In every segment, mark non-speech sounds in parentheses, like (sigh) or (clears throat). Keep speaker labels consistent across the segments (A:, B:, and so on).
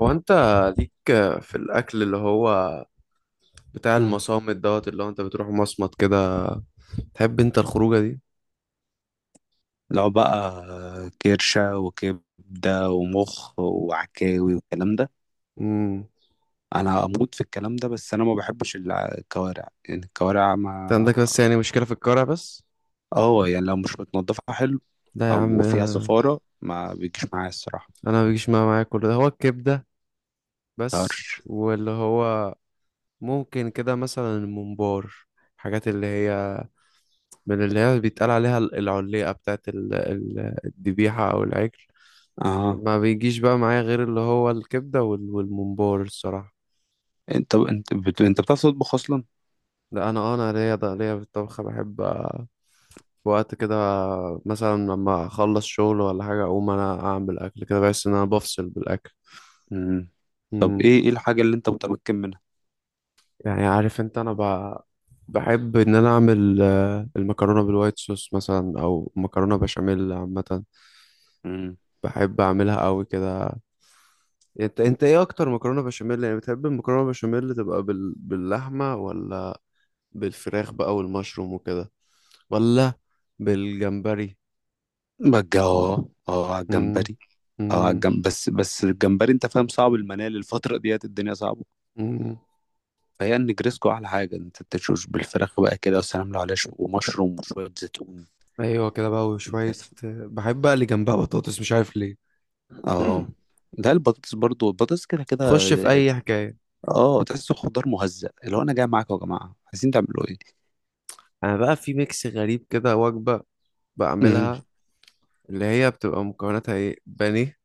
A: هو انت ليك في الاكل اللي هو بتاع
B: مم.
A: المصامت دوت اللي هو انت بتروح مصمت كده. تحب انت الخروجه دي؟
B: لو بقى كرشة وكبدة ومخ وعكاوي والكلام ده،
A: امم
B: أنا أموت في الكلام ده، بس أنا ما بحبش الكوارع، يعني الكوارع
A: انت
B: ما...
A: عندك بس يعني مشكله في الكرع بس.
B: اه يعني لو مش متنضفة حلو،
A: لا يا عم،
B: أو فيها زفارة ما بيجيش معايا الصراحة.
A: انا ما بيجيش معايا كل ده. هو الكبده بس،
B: طرش.
A: واللي هو ممكن كده مثلا الممبار، حاجات اللي هي من اللي هي بيتقال عليها العليقه بتاعت الذبيحه او العجل.
B: اه
A: ما بيجيش بقى معايا غير اللي هو الكبده والممبار الصراحه.
B: انت بتعرف تطبخ أصلا؟
A: لا، انا ليا ده ليا في الطبخ بحب في وقت كده مثلا لما اخلص شغل ولا حاجه، اقوم انا اعمل اكل كده، بحس ان انا بفصل بالاكل.
B: مم. طب،
A: مم.
B: ايه الحاجة اللي انت متمكن منها؟
A: يعني عارف انت، انا بحب ان انا اعمل المكرونه بالوايت صوص مثلا، او مكرونه بشاميل عامه.
B: مم.
A: بحب اعملها قوي كده. انت ايه اكتر مكرونه بشاميل؟ يعني بتحب المكرونه بشاميل تبقى باللحمه، ولا بالفراخ بقى والمشروم وكده، ولا بالجمبري؟
B: بجا، على
A: مم.
B: الجمبري. اه على
A: مم.
B: بس الجمبري، انت فاهم، صعب المنال الفترة ديت، الدنيا صعبة،
A: مم.
B: فهي النجريسكو احلى حاجه. انت تشوش بالفراخ بقى كده والسلام، لو عليها ومشروم وشويه زيتون
A: ايوه كده بقى، وشويه
B: بس.
A: بحب بقى اللي جنبها بطاطس، مش عارف ليه.
B: اه
A: (clears throat)
B: ده البطاطس، برضو البطاطس كده كده
A: تخش في اي حكايه.
B: اه تحسه خضار مهزأ، اللي هو انا جاي معاكم يا جماعه، عايزين تعملوا ايه؟
A: انا بقى في ميكس غريب كده، وجبه
B: امم.
A: بعملها، اللي هي بتبقى مكوناتها ايه: بانيه،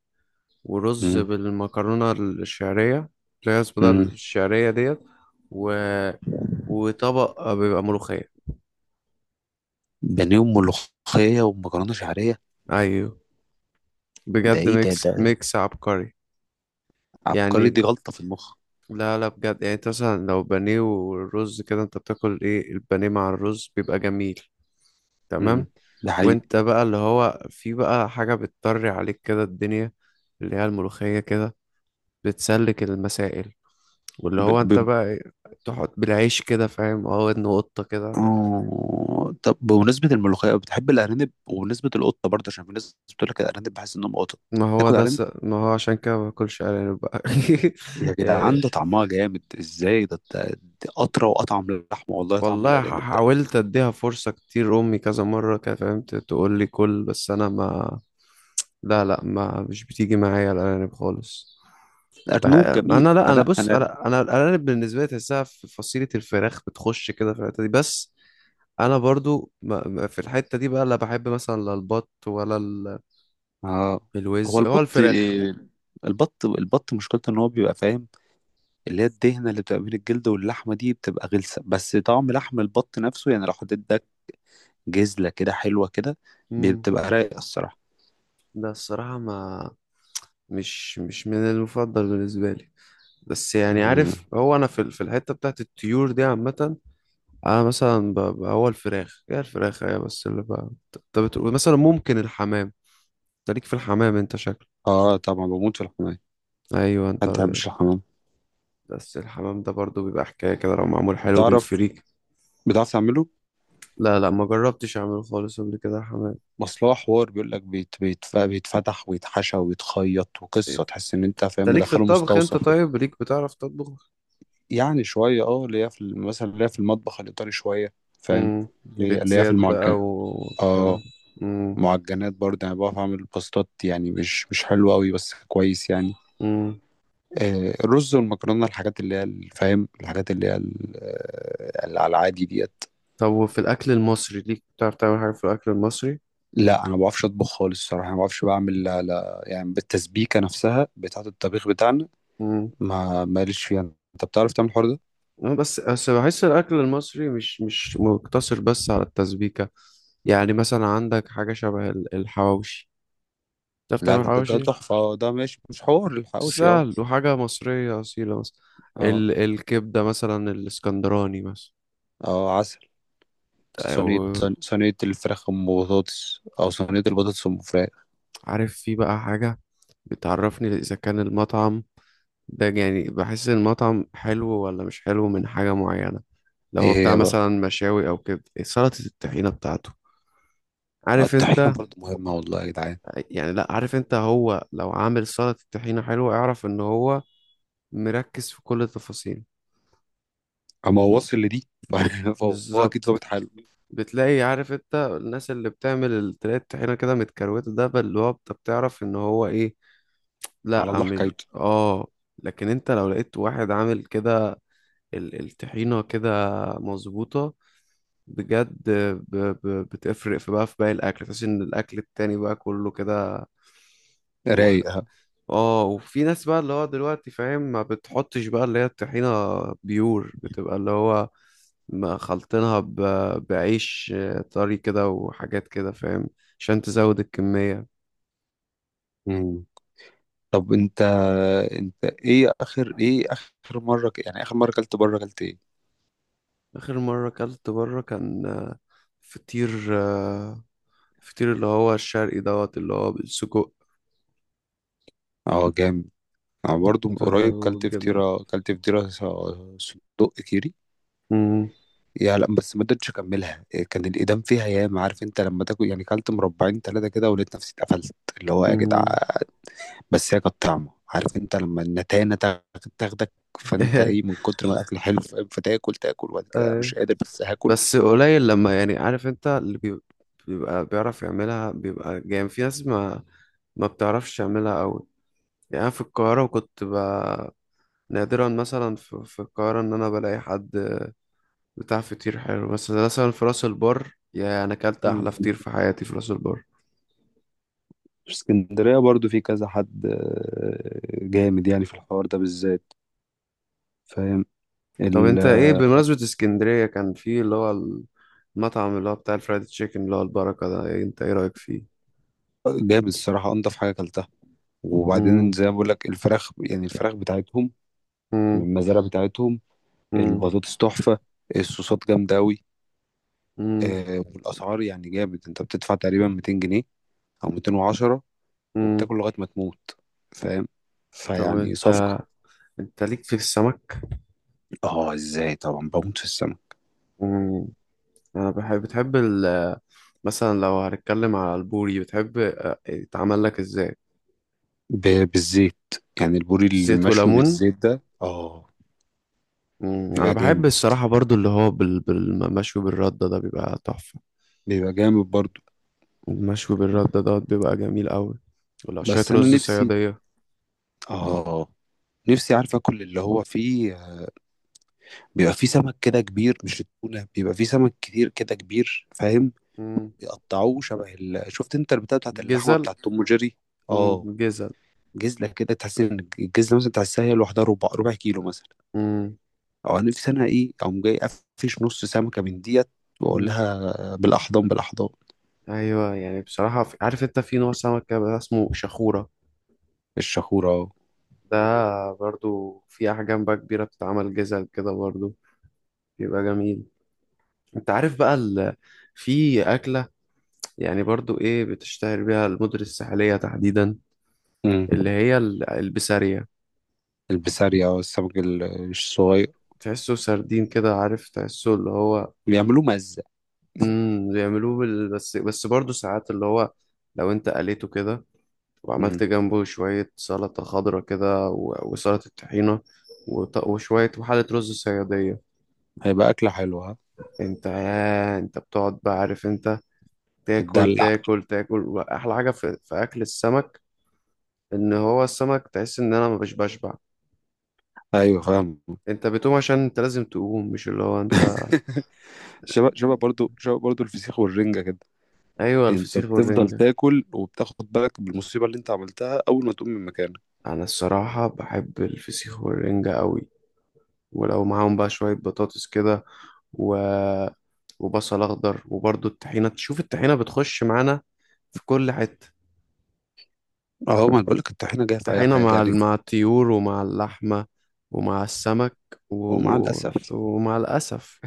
A: ورز
B: امم.
A: بالمكرونه الشعريه، اللي هي اسمها ده
B: امم
A: الشعريه ديت، و... وطبق بيبقى ملوخيه.
B: بانيه وملوخيه ومكرونه شعريه؟
A: ايوه،
B: ده
A: بجد
B: ايه ده؟
A: ميكس ميكس عبقري.
B: عبقري دي
A: يعني
B: غلطه في المخ.
A: لا لا، بجد يعني، انت مثلا لو بانيه والرز كده، انت بتاكل ايه؟ البانيه مع الرز بيبقى جميل تمام.
B: امم، ده حقيقي.
A: وانت بقى اللي هو، في بقى حاجة بتطري عليك كده الدنيا، اللي هي الملوخية كده، بتسلك المسائل. واللي
B: ب...
A: هو انت
B: ب...
A: بقى ايه، تحط بالعيش كده فاهم، اه، ودن قطة كده.
B: آه، طب، بمناسبة الملوخية بتحب الأرانب، وبمناسبة القطة برضه، عشان في ناس بتقول لك الأرانب بحس إنهم قطط. تاكل أرانب؟
A: ما هو عشان كده ما باكلش ارانب بقى. (laughs)
B: يا
A: إيه،
B: جدعان، ده طعمها جامد ازاي! دي اطرى واطعم للحمه، والله طعم
A: والله
B: الارانب ده.
A: حاولت اديها فرصة كتير، امي كذا مرة كده فهمت تقول لي كل، بس انا ما. لا لا، ما مش بتيجي معايا الارانب خالص. بح-
B: الارنوب جميل،
A: انا، لا، انا
B: انا
A: بص،
B: انا
A: انا الارانب بالنسبه لي تحسها في فصيله الفراخ، بتخش كده في الحته دي بس. انا برضو في الحته دي بقى، لا بحب مثلا، لا البط ولا
B: آه هو
A: الوز، هو الفراخ.
B: البط مشكلته ان هو بيبقى فاهم، اللي هي الدهنه اللي بتبقى بين الجلد واللحمه دي بتبقى غلسه، بس طعم لحم البط نفسه، يعني لو حطيت ده جزله كده حلوه كده،
A: امم
B: بتبقى رايقه الصراحه.
A: ده الصراحه، ما مش من المفضل بالنسبه لي. بس يعني
B: مم.
A: عارف، هو انا في الحته بتاعت الطيور دي عامه. انا مثلا هو الفراخ، هي الفراخ هي بس اللي بقى. انت بتقول مثلا ممكن الحمام؟ انت ليك في الحمام، انت شكلك.
B: اه، طبعا بموت في الحمام.
A: ايوه
B: حد ما
A: انت.
B: بيحبش الحمام؟
A: بس الحمام ده برضو بيبقى حكايه كده لو معمول حلو
B: بتعرف
A: بالفريك.
B: بتعرف تعمله؟
A: لا لا، ما جربتش اعمله خالص قبل كده حمام.
B: اصل هو حوار بيقول لك، بيت بيتفتح ويتحشى ويتخيط وقصه، تحس ان انت
A: انت
B: فاهم
A: ليك في
B: مدخله
A: الطبخ انت؟
B: مستوصف.
A: طيب ليك، بتعرف تطبخ؟
B: يعني شويه، اللي هي في مثلا اللي هي في المطبخ الايطالي، شويه فاهم،
A: امم.
B: اللي هي في
A: بتزاد بقى
B: المعجنات.
A: والكلام.
B: اه،
A: امم.
B: معجنات برضه، يعني بعرف اعمل باستات، يعني مش حلوه قوي بس كويس يعني.
A: امم.
B: الرز والمكرونه، الحاجات اللي هي فاهم، الحاجات اللي هي اللي على العادي ديت.
A: طب وفي الاكل المصري ليك، بتعرف تعمل حاجه في الاكل المصري؟
B: لا، انا ما بعرفش اطبخ خالص الصراحه، ما بعرفش بعمل، لا لا يعني بالتسبيكه نفسها بتاعه الطبيخ بتاعنا،
A: امم.
B: ما ماليش فيها. انت بتعرف تعمل الحوار ده؟
A: بس بحس الاكل المصري مش مقتصر بس على التسبيكه. يعني مثلا عندك حاجه شبه الحواوشي. بتعرف
B: لا
A: تعمل
B: لا، ده
A: حواوشي؟
B: تحفه، ده ماشي، مش حوار الحواوشي اه.
A: سهل وحاجة مصرية أصيلة مثلا.
B: اه،
A: الكبدة مثلا الاسكندراني مثلا،
B: اه، عسل.
A: أو.
B: صينية الفراخ أم بطاطس، أو صينية البطاطس أم فراخ.
A: عارف، في بقى حاجة بتعرفني إذا كان المطعم ده، يعني بحس إن المطعم حلو ولا مش حلو من حاجة معينة. لو هو
B: إيه
A: بتاع
B: هي بقى؟
A: مثلا مشاوي أو كده، سلطة الطحينة بتاعته، عارف
B: الطحينة
A: أنت.
B: برضه مهمة والله يا جدعان.
A: يعني لأ، عارف أنت، هو لو عامل سلطة الطحينة حلوة، اعرف إن هو مركز في كل التفاصيل.
B: أما هو واصل لدي (laughs) فهو أكيد
A: بالظبط.
B: ظابط حاله.
A: بتلاقي عارف انت، الناس اللي بتعمل تلاقي الطحينة كده متكروتة، ده بل اللي هو انت بتعرف ان هو ايه.
B: على
A: لا،
B: الله
A: مش،
B: حكايته.
A: اه. لكن انت لو لقيت واحد عامل كده الطحينة كده مظبوطة، بجد ب... بتفرق في بقى في باقي الاكل، تحس ان الاكل التاني بقى كله كده.
B: رايق، ها.
A: اه، وفي ناس بقى اللي هو دلوقتي فاهم، ما بتحطش بقى اللي هي الطحينة بيور، بتبقى اللي هو ما خلطينها بعيش طري كده وحاجات كده فاهم، عشان تزود الكمية.
B: مم. طب، أنت إيه؟ آخر مرة يعني آخر مرة كلت بره، كلت إيه؟
A: آخر مرة أكلت بره كان فطير آه، فطير اللي هو الشرقي دوت اللي هو بالسجق
B: أه، جامد. أنا برضه من قريب كلت
A: والجبنة.
B: فطيرة، صدق كيري.
A: مم،
B: يا لا، بس ما قدرتش اكملها، كان الايدام فيها ياما، عارف انت لما تاكل يعني، كلت مربعين ثلاثه كده، ولقيت نفسي اتقفلت، اللي هو يا جدع.
A: مم.
B: بس هي كانت طعمه، عارف انت لما النتانه تاخدك، فانت ايه، من
A: (laughs)
B: كتر ما الاكل حلو، فتاكل وبعد كده
A: آه.
B: مش قادر، بس هاكل.
A: بس قليل لما، يعني عارف انت، اللي بيبقى بيعرف يعملها بيبقى جامد، في ناس ما بتعرفش تعملها قوي. يعني أنا في القاهرة كنت نادرا مثلا في القاهرة إن أنا بلاقي حد بتاع فطير حلو، بس مثلا في راس البر. يعني أنا أكلت
B: مم.
A: أحلى فطير في حياتي في راس البر.
B: في اسكندريه برضو في كذا حد جامد، يعني في الحوار ده بالذات، فاهم
A: طب
B: ال-
A: أنت إيه، بمناسبة اسكندرية، كان في اللي هو المطعم اللي هو بتاع الفرايد تشيكن اللي هو البركة ده، إيه أنت إيه رأيك فيه؟
B: جامد الصراحه، انضف حاجه اكلتها. وبعدين
A: مم.
B: زي ما بقول لك، الفراخ يعني الفراخ بتاعتهم من
A: مم.
B: المزارع بتاعتهم.
A: مم.
B: البطاطس تحفة، الصوصات جامدة أوي.
A: مم.
B: والأسعار يعني جامد، أنت بتدفع تقريبا 200 جنيه أو 210،
A: مم.
B: وبتاكل لغاية ما تموت، فاهم،
A: طب
B: فيعني
A: أنت
B: صفقة.
A: انت ليك في السمك؟
B: اه، ازاي، طبعا بموت في السمك.
A: مم. انا بحب بتحب مثلا لو هنتكلم على البوري، بتحب يتعمل لك ازاي؟
B: بالزيت، يعني البوري
A: زيت
B: المشوي
A: وليمون.
B: بالزيت ده اه.
A: مم. انا
B: بيبقى
A: بحب
B: جامد،
A: الصراحة برضو اللي هو بالمشوي بالردة ده بيبقى تحفة.
B: بيبقى جامد برضو.
A: المشوي بالردة ده بيبقى جميل قوي. ولا شوية
B: بس أنا
A: رز
B: نفسي،
A: صيادية.
B: اه نفسي عارف اكل اللي هو فيه، بيبقى فيه سمك كده كبير، مش التونة، بيبقى فيه سمك كتير كده كبير فاهم،
A: مم.
B: يقطعوه شبه شفت انت البتاع بتاعت اللحمه
A: جزل.
B: بتاعت توم وجيري. اه،
A: مم. جزل.
B: جزله كده تحس ان الجزله مثلا بتاعت هي لوحدها، ربع كيلو مثلا.
A: مم.
B: او انا نفسي، انا ايه، اقوم جاي قفش نص سمكه من ديت، واقول
A: مم.
B: لها بالاحضان بالاحضان.
A: ايوه. يعني بصراحة عارف انت، في نوع سمك كده بقى اسمه شخورة،
B: الشخوره اه.
A: ده برضو في أحجام بقى كبيرة، بتتعمل جزل كده برضو، بيبقى جميل. انت عارف بقى في أكلة يعني، برضو ايه بتشتهر بيها المدن الساحلية تحديدا،
B: امم.
A: اللي هي البسارية.
B: البسارية اه، السمك الصغير،
A: تحسه سردين كده، عارف، تحسه اللي هو.
B: بيعملوه مزه.
A: امم، بيعملوه بس برضو ساعات، اللي هو لو انت قليته كده،
B: امم.
A: وعملت جنبه شوية سلطة خضرة كده وسلطة طحينة وشوية، وحالة رز صيادية.
B: هيبقى اكله حلوه، ها.
A: انت يا انت بتقعد بقى عارف انت، تاكل
B: تتدلع.
A: تاكل تاكل. واحلى حاجة في اكل السمك، ان هو السمك تحس ان انا مبقاش بشبع.
B: ايوه فاهم.
A: انت بتقوم عشان انت لازم تقوم، مش اللي هو انت.
B: (laughs) شبه برضو، شبه برضو الفسيخ والرنجه كده.
A: ايوه
B: انت
A: الفسيخ
B: بتفضل
A: والرنجة.
B: تاكل، وبتاخد بالك بالمصيبه اللي انت عملتها اول ما تقوم من مكانك.
A: انا الصراحة بحب الفسيخ والرنجة قوي، ولو معاهم بقى شوية بطاطس كده و... وبصل اخضر، وبرضه الطحينة، تشوف الطحينة بتخش معانا في كل حتة.
B: اهو، ما أنا بقولك الطحينه جايه في اي
A: طحينة
B: حاجه
A: مع
B: عليك.
A: مع الطيور، ومع اللحمة، ومع السمك،
B: ومع
A: و...
B: الاسف.
A: ومع الأسف.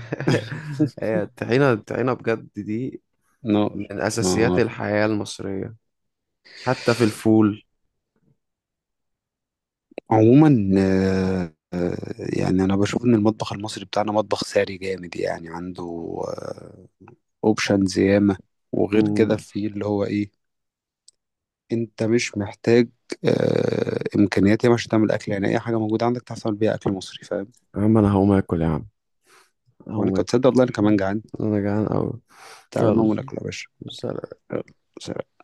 A: (laughs) هي
B: (laughs)
A: الطحينة، الطحينة بجد دي
B: نار.
A: من أساسيات
B: نار.
A: الحياة المصرية. حتى في الفول.
B: عموما، يعني انا بشوف ان المطبخ المصري بتاعنا مطبخ ساري جامد، يعني عنده اوبشنز ياما. وغير كده،
A: مم.
B: في اللي هو ايه، انت مش محتاج امكانيات ياما عشان تعمل اكل، يعني اي حاجه موجوده عندك تعرف تعمل بيها اكل مصري فاهم.
A: يا عم انا هقوم اكل، يا عم
B: هو انا
A: هقوم
B: كنت،
A: اكل.
B: تصدق والله انا كمان جعان.
A: انا جعان قوي.
B: تعالى
A: يلا،
B: نقوم ناكل يا باشا.
A: سلام.
B: يلا، سلام.